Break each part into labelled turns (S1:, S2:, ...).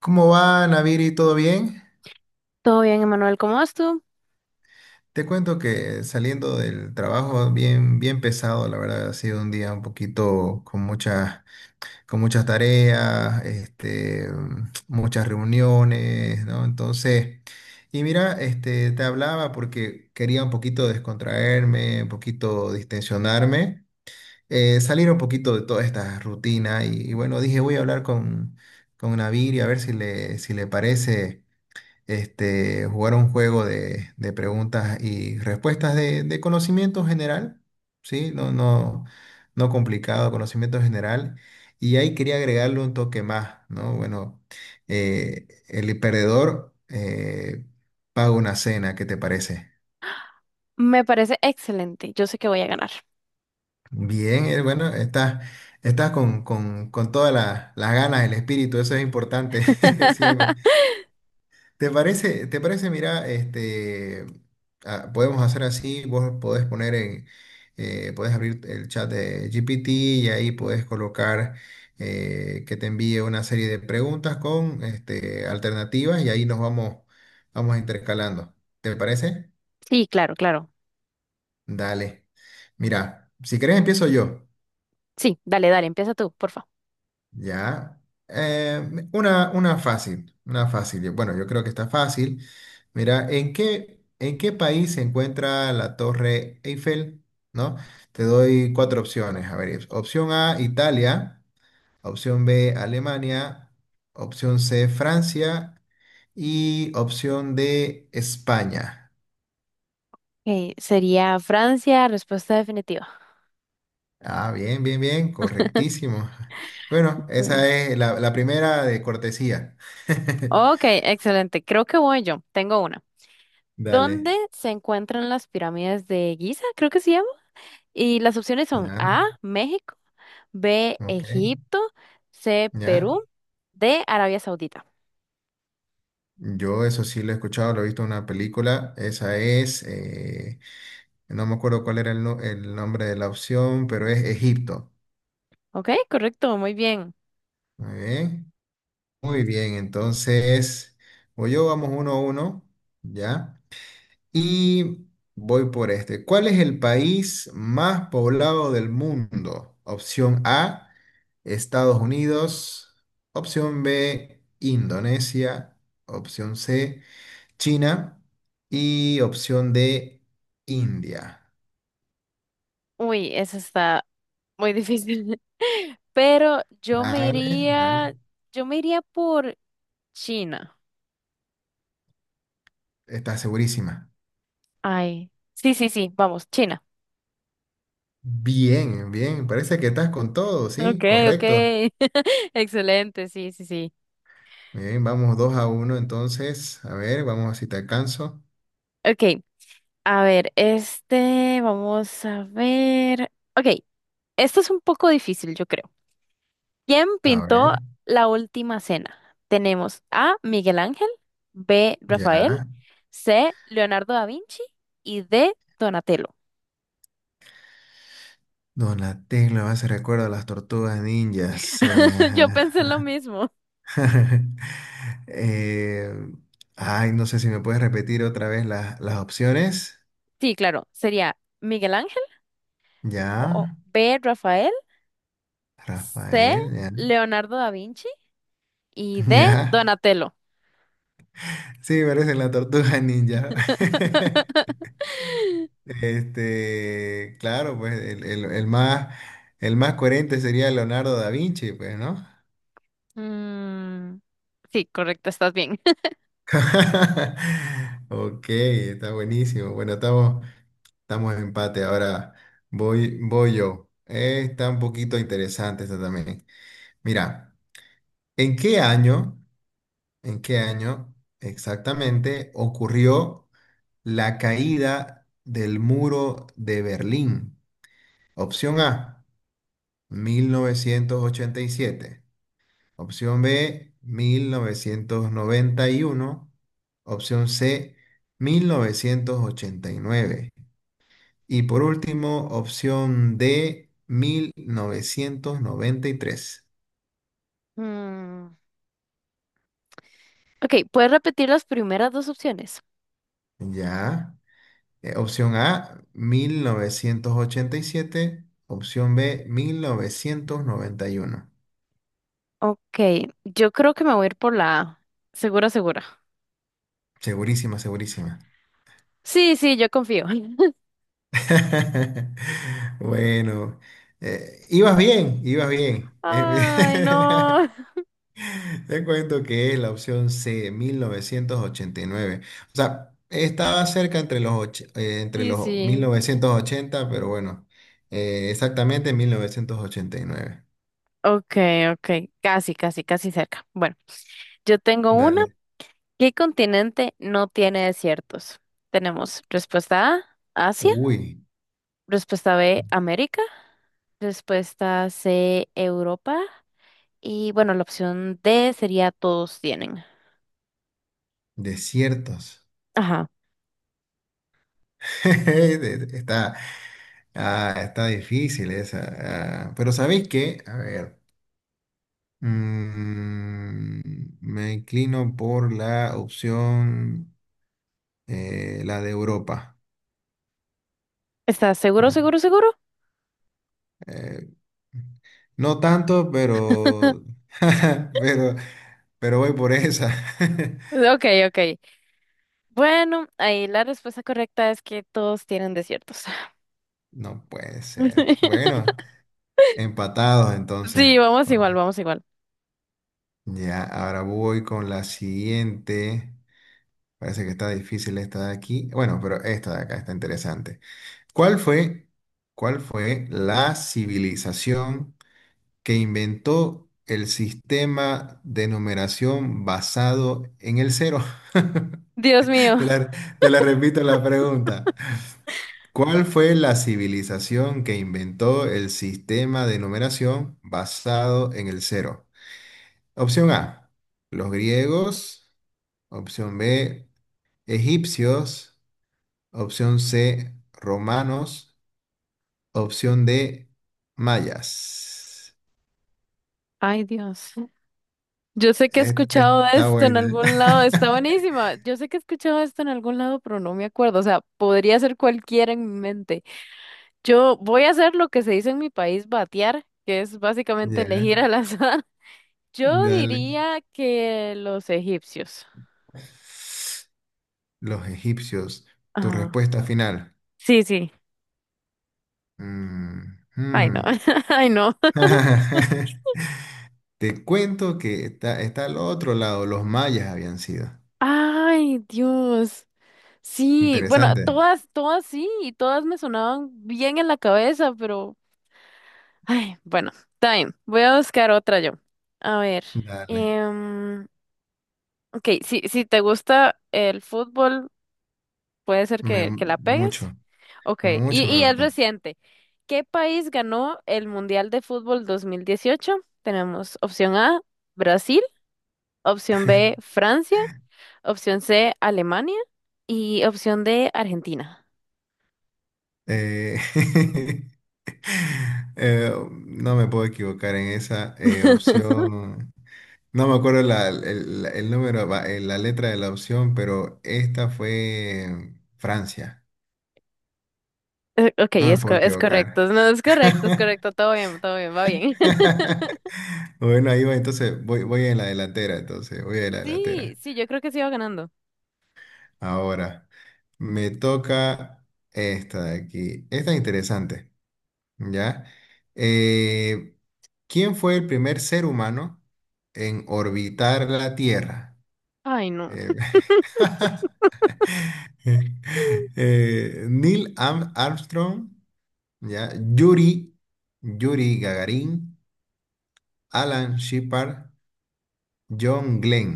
S1: ¿Cómo va, Naviri? ¿Todo bien?
S2: Todo bien, Emanuel, ¿cómo vas tú?
S1: Te cuento que saliendo del trabajo bien, bien pesado, la verdad, ha sido un día un poquito con muchas tareas, muchas reuniones, ¿no? Entonces, y mira, te hablaba porque quería un poquito descontraerme, un poquito distensionarme, salir un poquito de toda esta rutina y bueno, dije, voy a hablar con Naviri a ver si le parece. Jugar un juego de preguntas y respuestas de conocimiento general, ¿sí? No, no, no complicado, conocimiento general. Y ahí quería agregarle un toque más, ¿no? Bueno, el perdedor paga una cena, ¿qué te parece?
S2: Me parece excelente. Yo sé que voy a ganar.
S1: Bien, bueno, estás con todas las ganas, el espíritu, eso es importante siempre. ¿Te parece, mira, podemos hacer así, vos podés abrir el chat de GPT y ahí podés colocar que te envíe una serie de preguntas con alternativas y ahí vamos intercalando. ¿Te parece?
S2: Sí, claro, claro.
S1: Dale. Mira, si querés empiezo yo.
S2: Sí, dale, dale, empieza tú, porfa.
S1: Ya. Eh, una, una fácil, una fácil. Bueno, yo creo que está fácil. Mira, ¿en qué país se encuentra la Torre Eiffel? ¿No? Te doy cuatro opciones. A ver, opción A, Italia. Opción B, Alemania. Opción C, Francia. Y opción D, España.
S2: Ok, sería Francia, respuesta definitiva.
S1: Ah, bien, bien, bien, correctísimo. Bueno,
S2: Muy
S1: esa es la primera de cortesía.
S2: ok, excelente. Creo que voy yo. Tengo una.
S1: Dale.
S2: ¿Dónde se encuentran las pirámides de Giza? Creo que se llama. Y las opciones son
S1: Ya.
S2: A, México, B,
S1: Ok,
S2: Egipto, C,
S1: ya.
S2: Perú, D, Arabia Saudita.
S1: Yo eso sí lo he escuchado, lo he visto en una película. No me acuerdo cuál era el, no- el nombre de la opción, pero es Egipto.
S2: Ok, correcto, muy bien.
S1: Muy bien. Muy bien, entonces, voy yo, vamos 1-1, ¿ya? Y voy por este. ¿Cuál es el país más poblado del mundo? Opción A, Estados Unidos. Opción B, Indonesia. Opción C. China y opción de India.
S2: Uy, esa está muy difícil. Pero
S1: Dale, dale.
S2: yo me iría por China.
S1: Estás segurísima.
S2: Ay, sí, sí, sí, vamos, China.
S1: Bien, bien. Parece que estás con todo, ¿sí?
S2: Ok, ok.
S1: Correcto.
S2: Excelente, sí, sí, sí.
S1: Bien, vamos 2-1 entonces. A ver, vamos a ver si te alcanzo.
S2: Ok, a ver, vamos a ver. Ok, esto es un poco difícil, yo creo. ¿Quién
S1: A
S2: pintó
S1: ver,
S2: la última cena? Tenemos A. Miguel Ángel, B. Rafael,
S1: ya.
S2: C. Leonardo da Vinci y D. Donatello.
S1: Donatello me hace recuerdo a las tortugas ninjas.
S2: Yo pensé lo mismo.
S1: Eh, ay, no sé si me puedes repetir otra vez las opciones.
S2: Sí, claro, sería Miguel Ángel, o
S1: Ya,
S2: B. Rafael, C.
S1: Rafael, ya.
S2: Leonardo da Vinci y D.
S1: Ya,
S2: Donatello.
S1: sí, parecen la tortuga ninja. Claro, pues el más, el más coherente sería Leonardo da Vinci, pues, ¿no?
S2: Mm, sí, correcto, estás bien.
S1: Ok, está buenísimo. Bueno, estamos en empate. Ahora voy yo. Está un poquito interesante esta también. Mira, ¿en qué año, ¿en qué año exactamente ocurrió la caída del muro de Berlín? Opción A, 1987. Opción B, 1991. Opción C, 1989. Y por último, opción D, 1993.
S2: Mm, ok, ¿puedes repetir las primeras dos opciones?
S1: Ya. Opción A, 1987. Opción B, 1991.
S2: Ok, yo creo que me voy a ir por la A. Segura, segura.
S1: Segurísima, segurísima.
S2: Sí, sí, yo confío.
S1: Bueno, ibas bien, ibas bien.
S2: Ay, no.
S1: Te cuento que es la opción C, 1989. O sea, estaba cerca entre
S2: Sí,
S1: los mil
S2: sí.
S1: novecientos ochenta, pero bueno, exactamente 1989.
S2: Ok, ok. Casi, casi, casi cerca. Bueno, yo tengo una.
S1: Dale.
S2: ¿Qué continente no tiene desiertos? Tenemos respuesta A, Asia,
S1: Uy,
S2: respuesta B, América, respuesta C, Europa y bueno, la opción D sería todos tienen.
S1: desiertos.
S2: Ajá.
S1: Está, está difícil esa. Pero ¿sabéis qué? A ver. Mm, me inclino por la de Europa.
S2: ¿Estás seguro,
S1: Bueno,
S2: seguro, seguro?
S1: eh, no tanto, pero, pero, pero voy por esa.
S2: Ok, ok. Bueno, ahí la respuesta correcta es que todos tienen desiertos.
S1: No puede ser. Bueno, empatados entonces.
S2: Sí, vamos
S1: Bueno,
S2: igual, vamos igual.
S1: ya, ahora voy con la siguiente. Parece que está difícil esta de aquí. Bueno, pero esta de acá está interesante. ¿Cuál fue, ¿Cuál fue la civilización que inventó el sistema de numeración basado en el cero?
S2: Dios mío.
S1: Te la, Te la repito la pregunta. ¿Cuál fue la civilización que inventó el sistema de numeración basado en el cero? Opción A, los griegos. Opción B, egipcios. Opción C, romanos. Opción D, mayas.
S2: Ay, Dios. Yo sé que he escuchado
S1: Está
S2: esto en
S1: buena.
S2: algún lado, está buenísima. Yo sé que he escuchado esto en algún lado, pero no me acuerdo. O sea, podría ser cualquiera en mi mente. Yo voy a hacer lo que se dice en mi país, batear, que es básicamente
S1: Ya.
S2: elegir al azar. Yo
S1: Dale.
S2: diría que los egipcios.
S1: Los egipcios. Tu
S2: Ah,
S1: respuesta final.
S2: sí, sí.
S1: Mm,
S2: Ay, no.
S1: mm.
S2: Ay, no.
S1: Te cuento que está al otro lado. Los mayas habían sido.
S2: Ay, Dios. Sí, bueno,
S1: Interesante.
S2: todas, todas sí, y todas me sonaban bien en la cabeza, pero ay, bueno, está bien. Voy a buscar otra yo. A ver.
S1: Dale.
S2: em, ok, si, si te gusta el fútbol, puede ser que la pegues.
S1: Mucho,
S2: Ok,
S1: mucho
S2: y
S1: me
S2: es
S1: gusta.
S2: reciente. ¿Qué país ganó el Mundial de Fútbol 2018? Tenemos opción A, Brasil, opción B, Francia, opción C, Alemania y opción D, Argentina.
S1: Eh, eh, no me puedo equivocar en esa opción. No me acuerdo el número, la letra de la opción, pero esta fue Francia.
S2: Ok,
S1: No me
S2: es, co-
S1: puedo
S2: es correcto.
S1: equivocar.
S2: No, es correcto, es correcto. Todo bien, va bien.
S1: Bueno, ahí va, entonces voy en la delantera, entonces voy en la
S2: Sí,
S1: delantera.
S2: sí, yo creo que sí va ganando.
S1: Ahora, me toca esta de aquí. Esta es interesante, ¿ya? Eh, ¿quién fue el primer ser humano en orbitar la Tierra?
S2: Ay, no.
S1: Eh, Neil Armstrong, ¿ya? Yuri, Yuri Gagarin, Alan Shepard, John Glenn.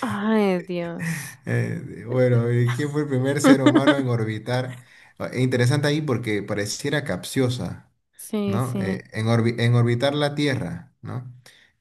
S2: Ay, Dios.
S1: Bueno, ¿quién fue el primer ser humano en orbitar? Interesante ahí porque pareciera capciosa,
S2: Sí,
S1: ¿no?
S2: sí.
S1: En orbitar la Tierra, ¿no?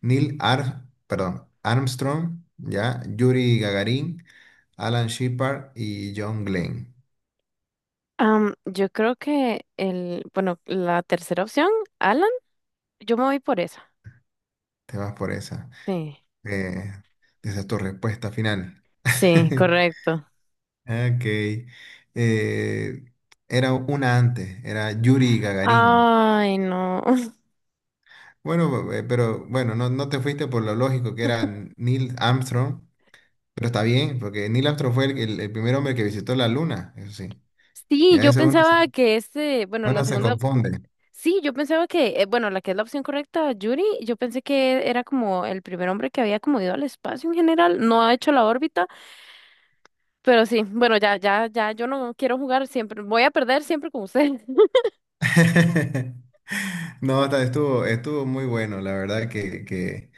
S1: Neil perdón, Armstrong, ¿ya? Yuri Gagarin, Alan Shepard y John Glenn.
S2: Am, yo creo que el, bueno, la tercera opción, Alan, yo me voy por esa.
S1: Te vas por esa.
S2: Sí,
S1: Eh, esa es tu respuesta final.
S2: sí, correcto.
S1: Ok. Eh, era una antes, era Yuri Gagarin.
S2: Ay, no.
S1: Bueno, pero bueno, no, no te fuiste por lo lógico que era Neil Armstrong, pero está bien, porque Neil Armstrong fue el primer hombre que visitó la luna, eso sí. Y
S2: Sí,
S1: a
S2: yo
S1: veces
S2: pensaba que bueno, la
S1: uno se
S2: segunda,
S1: confunde.
S2: sí, yo pensaba que, bueno, la que es la opción correcta, Yuri, yo pensé que era como el primer hombre que había como ido al espacio en general, no ha hecho la órbita, pero sí, bueno, ya, ya, ya, yo no quiero jugar siempre, voy a perder siempre con usted.
S1: No, estuvo muy bueno, la verdad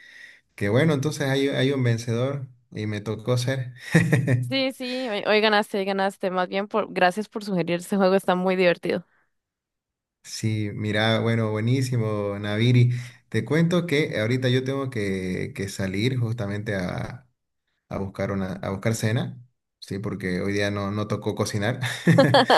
S1: que bueno, entonces hay un vencedor y me tocó ser.
S2: Sí, sí, hoy, hoy ganaste, hoy ganaste. Más bien, por, gracias por sugerir este juego, está muy divertido.
S1: Sí, mira, bueno, buenísimo, Naviri. Te cuento que ahorita yo tengo que salir justamente a buscar a buscar cena, sí, porque hoy día no tocó cocinar.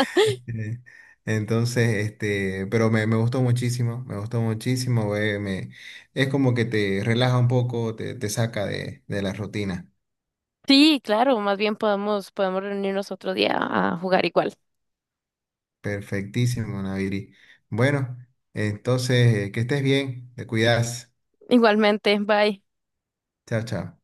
S1: Eh, Entonces, pero me gustó muchísimo, güey, es como que te relaja un poco, te saca de la rutina.
S2: Sí, claro, más bien podemos, podemos reunirnos otro día a jugar igual.
S1: Perfectísimo, Naviri. Bueno, entonces, que estés bien, te cuidas.
S2: Igualmente, bye.
S1: Chao, chao.